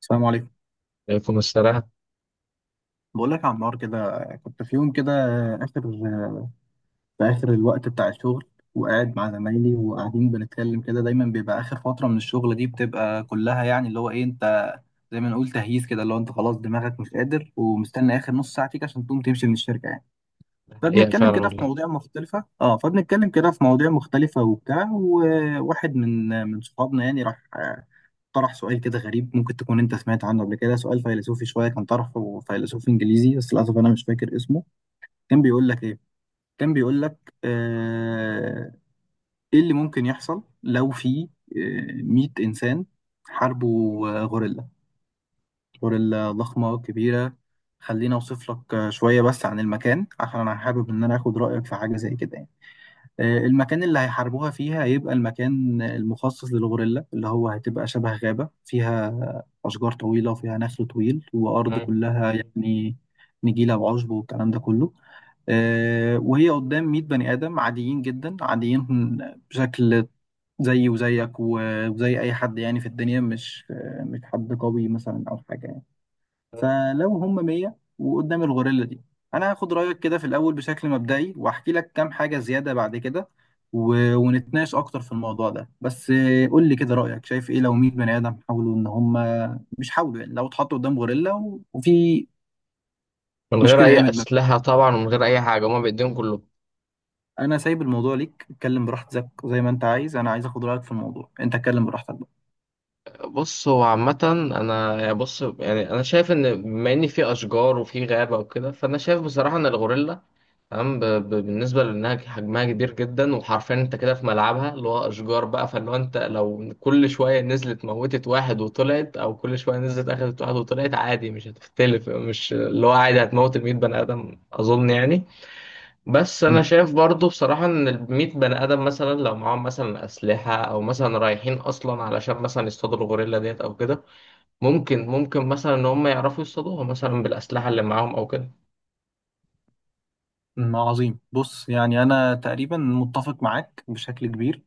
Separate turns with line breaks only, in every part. السلام عليكم.
يكون الصراحة
بقول لك يا عمار، كده كنت في يوم كده اخر في اخر الوقت بتاع الشغل، وقاعد مع زمايلي وقاعدين بنتكلم كده. دايما بيبقى اخر فتره من الشغل دي بتبقى كلها يعني اللي هو ايه انت، زي ما نقول تهييس كده، اللي هو انت خلاص دماغك مش قادر ومستني اخر نص ساعه فيك عشان تقوم تمشي من الشركه يعني.
حقيقة
فبنتكلم
فعلا
كده في
والله.
مواضيع مختلفة، فبنتكلم كده في مواضيع مختلفة وبتاع. وواحد من صحابنا يعني راح، طرح سؤال كده غريب. ممكن تكون انت سمعت عنه قبل كده، سؤال فيلسوفي شوية. كان طرحه فيلسوف انجليزي، بس للأسف انا مش فاكر اسمه. كان بيقول لك ايه كان بيقول لك ايه اللي ممكن يحصل لو في 100 انسان حاربوا غوريلا، غوريلا ضخمة كبيرة. خليني اوصف لك شوية بس عن المكان، عشان انا حابب ان انا اخد رأيك في حاجة زي كده يعني. المكان اللي هيحاربوها فيها هيبقى المكان المخصص للغوريلا، اللي هو هتبقى شبه غابة فيها أشجار طويلة وفيها نخل طويل وأرض
مم.
كلها يعني نجيلة وعشب والكلام ده كله. وهي قدام 100 بني آدم عاديين جدا، عاديين بشكل، زي وزيك وزي أي حد يعني في الدنيا. مش مش حد قوي مثلا أو حاجة يعني.
مم.
فلو هم 100 وقدام الغوريلا دي، انا هاخد رايك كده في الاول بشكل مبدئي واحكي لك كام حاجه زياده بعد كده. ونتناقش اكتر في الموضوع ده، بس قول لي كده رايك، شايف ايه لو 100 بني ادم حاولوا ان هم، مش حاولوا يعني، لو اتحطوا قدام غوريلا وفي
من غير
مشكله
أي
قامت ما بينهم.
أسلحة طبعا ومن غير أي حاجة هما بإيديهم كلهم.
انا سايب الموضوع ليك، اتكلم براحتك زي ما انت عايز. انا عايز اخد رايك في الموضوع، انت اتكلم براحتك بقى.
بص، هو عامة أنا يعني، بص، يعني أنا شايف إن بما إن في أشجار وفي غابة وكده، فأنا شايف بصراحة إن الغوريلا تمام. بالنسبة لأنها حجمها كبير جدا وحرفيا أنت كده في ملعبها اللي هو أشجار بقى، فاللي هو أنت لو كل شوية نزلت موتت واحد وطلعت أو كل شوية نزلت أخدت واحد وطلعت عادي، مش هتختلف، مش اللي هو عادي هتموت المية بني آدم أظن يعني. بس انا شايف برضو بصراحة ان الميت بني ادم مثلا لو معاهم مثلا اسلحة او مثلا رايحين اصلا علشان مثلا يصطادوا الغوريلا ديت او كده، ممكن ممكن مثلا ان هم يعرفوا يصطادوها مثلا بالاسلحة اللي معاهم او كده.
عظيم. بص يعني انا تقريبا متفق معاك بشكل كبير،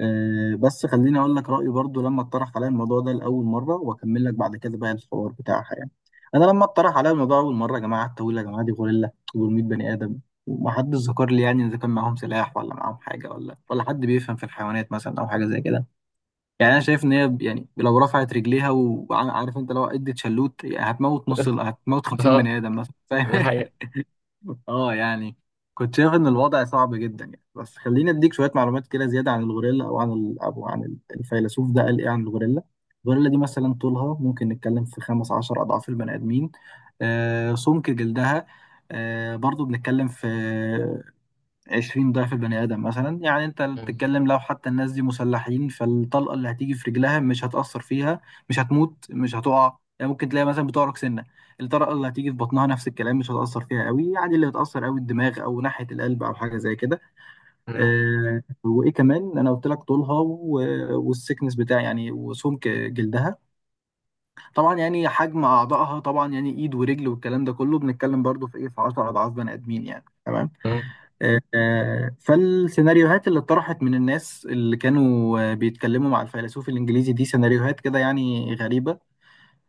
بس خليني اقول لك رايي برضو لما اتطرح عليا الموضوع ده لاول مره، واكمل لك بعد كده بقى الحوار بتاعها يعني. انا لما اتطرح عليا الموضوع اول مره يا جماعه، التاويل يا جماعه دي غوريلا، 400 بني ادم. ومحدش ذكر لي يعني اذا كان معاهم سلاح ولا معاهم حاجه ولا حد بيفهم في الحيوانات مثلا او حاجه زي كده. يعني انا شايف ان هي يعني لو رفعت رجليها وعارف انت لو ادت شلوت يعني هتموت نص هتموت 50
اه،
بني ادم مثلا،
ده
فاهم؟
حقيقة.
اه يعني كنت شايف ان الوضع صعب جدا يعني. بس خليني اديك شويه معلومات كده زياده عن الغوريلا، او عن الفيلسوف ده قال ايه عن الغوريلا. الغوريلا دي مثلا طولها ممكن نتكلم في 15 اضعاف البني ادمين. سمك جلدها برضو بنتكلم في 20 ضعف البني آدم مثلا. يعني انت
مم.
بتتكلم لو حتى الناس دي مسلحين، فالطلقة اللي هتيجي في رجلها مش هتأثر فيها، مش هتموت، مش هتقع. يعني ممكن تلاقي مثلا بتعرق سنة. الطلقة اللي هتيجي في بطنها نفس الكلام، مش هتأثر فيها قوي. يعني اللي هتأثر قوي الدماغ أو ناحية القلب أو حاجة زي كده.
مم.
أه، وإيه كمان؟ أنا قلت لك طولها والسكنس بتاع يعني، وسمك جلدها. طبعا يعني حجم أعضائها طبعا يعني إيد ورجل والكلام ده كله، بنتكلم برضو في إيه، في 10 أضعاف بني آدمين يعني. تمام.
مم.
فالسيناريوهات اللي اتطرحت من الناس اللي كانوا بيتكلموا مع الفيلسوف الإنجليزي دي سيناريوهات كده يعني غريبة.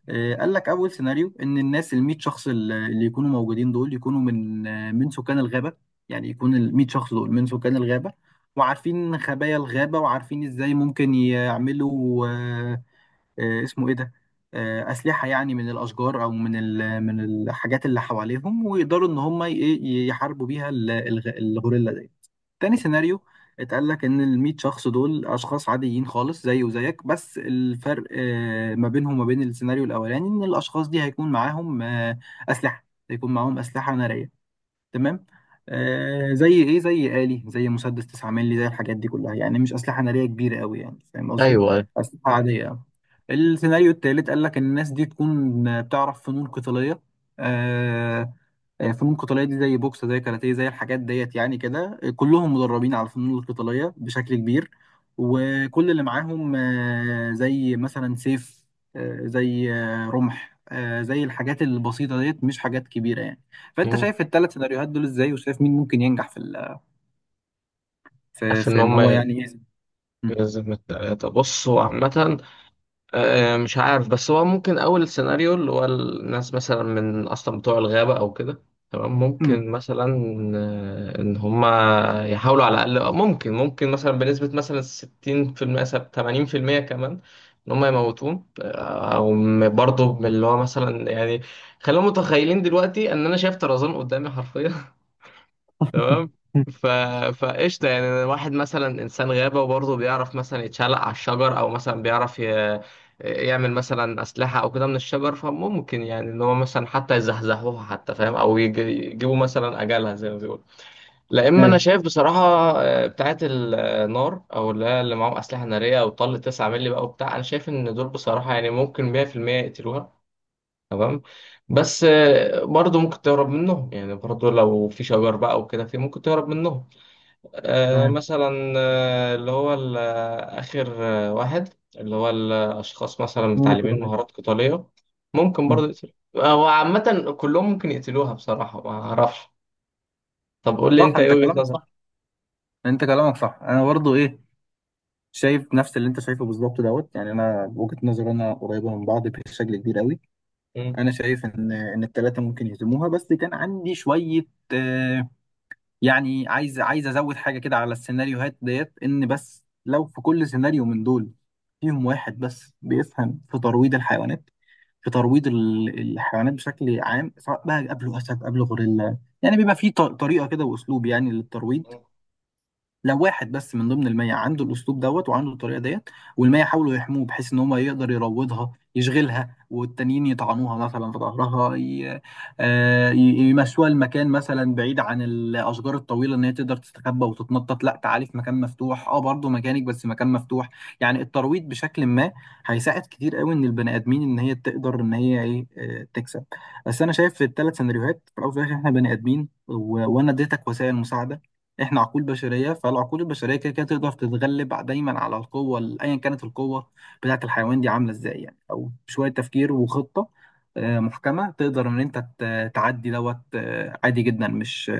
قال لك أول سيناريو إن الناس الميت شخص اللي يكونوا موجودين دول يكونوا من من سكان الغابة. يعني يكون الميت شخص دول من سكان الغابة، وعارفين خبايا الغابة وعارفين إزاي ممكن يعملوا، اسمه ايه ده، اسلحه. يعني من الاشجار او من من الحاجات اللي حواليهم، ويقدروا ان هم يحاربوا بيها الغوريلا دي. تاني سيناريو، اتقال لك ان ال 100 شخص دول اشخاص عاديين خالص زي وزيك، بس الفرق ما بينهم وما بين السيناريو الاولاني ان الاشخاص دي هيكون معاهم اسلحه، هيكون معاهم اسلحه ناريه. تمام. زي ايه؟ زي آلي، زي مسدس 9 مللي، زي الحاجات دي كلها يعني. مش اسلحه ناريه كبيره قوي يعني، فاهم قصدي؟
ايوه.
اسلحه عاديه أوي. السيناريو التالت قال لك ان الناس دي تكون بتعرف فنون قتاليه. آه فنون قتاليه دي زي بوكس، زي كاراتيه، زي الحاجات ديت يعني، كده كلهم مدربين على الفنون القتاليه بشكل كبير. وكل اللي معاهم زي مثلا سيف، زي رمح، زي الحاجات البسيطه ديت مش حاجات كبيره يعني. فانت
مم.
شايف الثلاث سيناريوهات دول ازاي؟ وشايف مين ممكن ينجح في في
عارف ان
ان
هم
هو يعني ايه؟ مم.
يلزم التلاتة. بصوا عامة، مش عارف، بس هو ممكن أول سيناريو اللي هو الناس مثلا من أصلا بتوع الغابة أو كده تمام،
مم.
ممكن مثلا إن هما يحاولوا على الأقل، ممكن ممكن مثلا بنسبة مثلا 60% 80% كمان إن هما يموتون، أو برضه من اللي هو مثلا يعني خلينا متخيلين دلوقتي إن أنا شايف طرزان قدامي حرفيا تمام.
مم.
ف... فقشطة، يعني واحد مثلا إنسان غابة وبرضه بيعرف مثلا يتشعلق على الشجر، أو مثلا بيعرف يعمل مثلا أسلحة أو كده من الشجر، فممكن يعني إن هو مثلا حتى يزحزحوها حتى فاهم، أو يجيبوا مثلا أجلها زي ما بيقولوا. لا، إما أنا
ايوه.
شايف بصراحة بتاعة النار، أو اللي هي اللي معاهم أسلحة نارية أو طل 9 مللي بقى وبتاع، أنا شايف إن دول بصراحة يعني ممكن 100% يقتلوها تمام. بس برضه ممكن تهرب منهم يعني، برضه لو في شجر بقى وكده، في ممكن تهرب منهم.
تمام.
مثلا اللي هو آخر واحد اللي هو الأشخاص مثلا
فنون
متعلمين
القتالية.
مهارات قتالية ممكن
مم.
برضه يقتلوا، هو عامة كلهم ممكن يقتلوها بصراحة، ما أعرفش. طب قول لي
صح،
أنت إيه
انت
وجهة
كلامك
نظرك؟
صح. انا برضو ايه، شايف نفس اللي انت شايفه بالظبط دوت. يعني انا وجهة نظري انا قريبة من بعض بشكل كبير قوي.
مم.
انا شايف ان الثلاثه ممكن يهزموها، بس كان عندي شوية، آه يعني عايز ازود حاجه كده على السيناريوهات ديت. ان بس لو في كل سيناريو من دول فيهم واحد بس بيفهم في ترويض الحيوانات، في ترويض الحيوانات بشكل عام، سواء بقى قبله اسد قبله غوريلا، يعني بيبقى في طريقه كده واسلوب يعني للترويض.
مم.
لو واحد بس من ضمن المية عنده الأسلوب دوت وعنده الطريقة ديت، والمية حاولوا يحموه بحيث إن هو يقدر يروضها يشغلها، والتانيين يطعنوها مثلا في ظهرها، آه، ي- يمشوها المكان مثلا بعيد عن الأشجار الطويلة إن هي تقدر تستخبى وتتنطط. لا، تعالي في مكان مفتوح، أه برضه مكانك بس مكان مفتوح. يعني الترويض بشكل ما هيساعد كتير قوي إن البني آدمين إن هي تقدر إن هي إيه، تكسب. بس أنا شايف في الثلاث سيناريوهات في الأول وفي الآخر، إحنا بني آدمين وأنا اديتك وسائل مساعدة. احنا عقول بشريه، فالعقول البشريه كده كده تقدر تتغلب دايما على القوه، ايا كانت القوه بتاعه الحيوان دي عامله ازاي يعني. او بشويه تفكير وخطه محكمه تقدر ان انت تعدي دوت عادي جدا،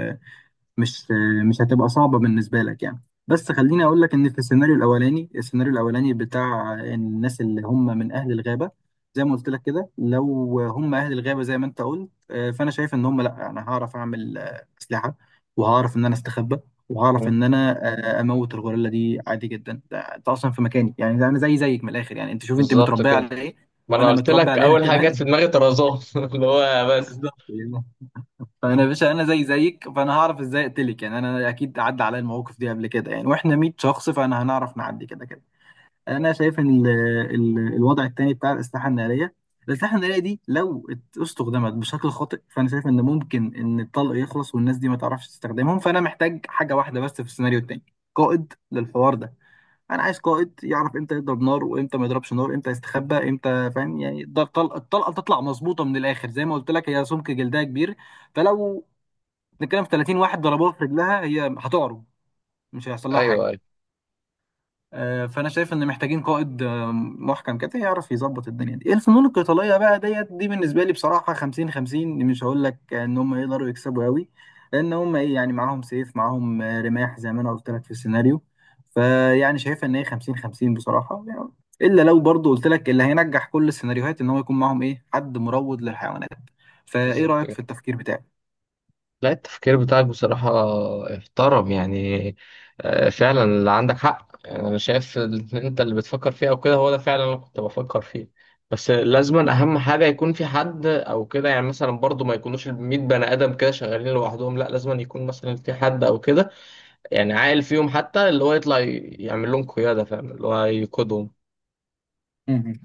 مش مش هتبقى صعبة بالنسبة لك يعني. بس خليني أقول لك إن في السيناريو الأولاني، بتاع الناس اللي هم من أهل الغابة، زي ما قلت لك كده لو هم أهل الغابة زي ما أنت قلت، فأنا شايف إن هم لأ، أنا هعرف أعمل أسلحة، وهعرف إن أنا أستخبى، وهعرف
مم.
إن أنا أموت الغوريلا دي عادي جدا. ده أنت أصلا في مكاني يعني، ده أنا زي زيك من الآخر يعني. أنت شوف أنت
بالظبط
متربية
كده.
على إيه،
ما أنا
وأنا
قلت
متربي
لك
على هنا
أول حاجة
كمان.
جت في دماغي طرزان اللي هو بس.
بالظبط. فانا يا
مم.
باشا انا زي زيك، فانا هعرف ازاي اقتلك يعني. انا اكيد عدى عليا المواقف دي قبل كده يعني، واحنا 100 شخص فانا هنعرف نعدي كده كده. انا شايف ان ال ال الوضع التاني بتاع الاسلحه الناريه، الاسلحه الناريه دي لو استخدمت بشكل خاطئ، فانا شايف ان ممكن ان الطلق يخلص والناس دي ما تعرفش تستخدمهم. فانا محتاج حاجه واحده بس في السيناريو التاني، قائد للحوار ده. انا عايز قائد يعرف امتى يضرب نار وامتى ما يضربش نار، امتى يستخبى امتى، فاهم يعني. ده الطلقه، تطلع مظبوطه من الاخر. زي ما قلت لك هي سمك جلدها كبير، فلو نتكلم في 30 واحد ضربوها في رجلها هي هتعرج، مش هيحصل لها
أيوه
حاجه.
أيوه.
فانا شايف ان محتاجين قائد محكم كده يعرف يظبط الدنيا دي. الفنون القتاليه بقى ديت دي بالنسبه لي بصراحه 50 50، مش هقول لك ان هم يقدروا يكسبوا قوي. لان هم ايه يعني، معاهم سيف، معاهم رماح زي ما انا قلت لك في السيناريو. فيعني شايف ان هي 50 50 بصراحه يعني. الا لو برضو قلت لك اللي هينجح كل السيناريوهات ان هو يكون معاهم ايه، حد مروض للحيوانات. فايه
بالظبط
رايك في
كده.
التفكير بتاعي؟
لا، التفكير بتاعك بصراحة احترم يعني. فعلا اللي عندك حق يعني، أنا شايف إن أنت اللي بتفكر فيه أو كده هو ده فعلا اللي أنا كنت بفكر فيه. بس لازما أهم حاجة يكون في حد أو كده، يعني مثلا برضو ما يكونوش الميت بني آدم كده شغالين لوحدهم، لا لازما يكون مثلا في حد أو كده يعني عاقل فيهم، حتى اللي هو يطلع يعمل لهم قيادة فاهم اللي هو يقودهم.
مهم.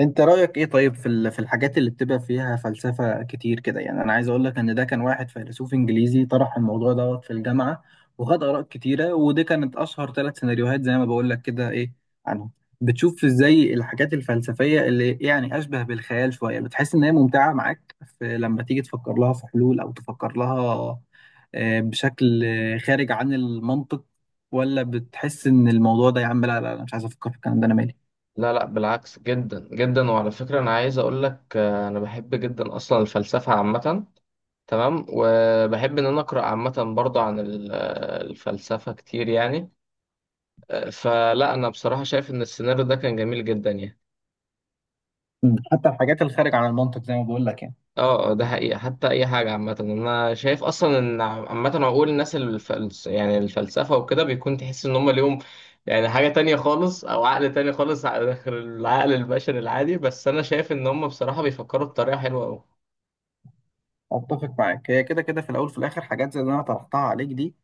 انت رأيك ايه طيب في في الحاجات اللي بتبقى فيها فلسفة كتير كده يعني؟ انا عايز اقول لك ان ده كان واحد فيلسوف انجليزي طرح الموضوع دوت في الجامعة، وخد آراء كتيرة، ودي كانت اشهر ثلاث سيناريوهات زي ما بقول لك كده، ايه عنهم. بتشوف ازاي الحاجات الفلسفية اللي يعني اشبه بالخيال شوية بتحس ان هي ممتعة معاك في لما تيجي تفكر لها في حلول او تفكر لها، بشكل خارج عن المنطق؟ ولا بتحس ان الموضوع ده يا عم، لا لا لا، مش عايز افكر في الكلام ده انا مالي؟
لا لا، بالعكس جدا جدا، وعلى فكرة أنا عايز أقول لك، أنا بحب جدا أصلا الفلسفة عامة تمام. وبحب ان انا اقرا عامه برضه عن الفلسفه كتير يعني. فلا انا بصراحه شايف ان السيناريو ده كان جميل جدا يعني.
مم. حتى الحاجات الخارج عن المنطق زي ما بقول لك يعني.
اه، ده حقيقه، حتى اي حاجه عامه، انا شايف اصلا ان عامه عقول الناس يعني الفلسفه وكده بيكون تحس ان هم ليهم يعني حاجه تانية خالص، او عقل تاني خالص، غير العقل البشري العادي، بس انا شايف ان هم بصراحه بيفكروا بطريقه حلوه قوي.
اتفق معاك، هي كده كده في الاول في الاخر حاجات زي اللي انا طرحتها عليك دي،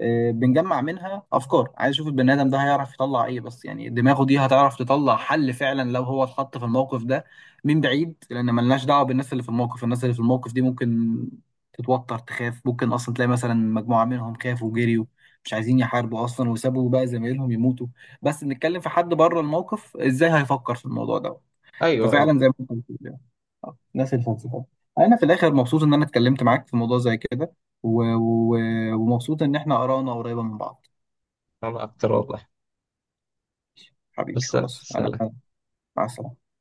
بنجمع منها افكار. عايز اشوف البني ادم ده هيعرف يطلع ايه، بس يعني دماغه دي هتعرف تطلع حل فعلا لو هو اتحط في الموقف ده؟ من بعيد، لان ملناش دعوه بالناس اللي في الموقف. الناس اللي في الموقف دي ممكن تتوتر تخاف، ممكن اصلا تلاقي مثلا مجموعه منهم خافوا وجريوا، مش عايزين يحاربوا اصلا وسابوا بقى زمايلهم يموتوا. بس بنتكلم في حد بره الموقف ازاي هيفكر في الموضوع ده.
ايوه ايوه.
ففعلا زي ما انت بتقول يعني. ناس الفلسفه. انا في الاخر مبسوط ان انا اتكلمت معاك في موضوع زي كده، و... و... ومبسوط ان احنا ارانا قريبه من بعض.
انا اكتر والله.
حبيبي
بس
خلاص، انا
سلام.
مع السلامه.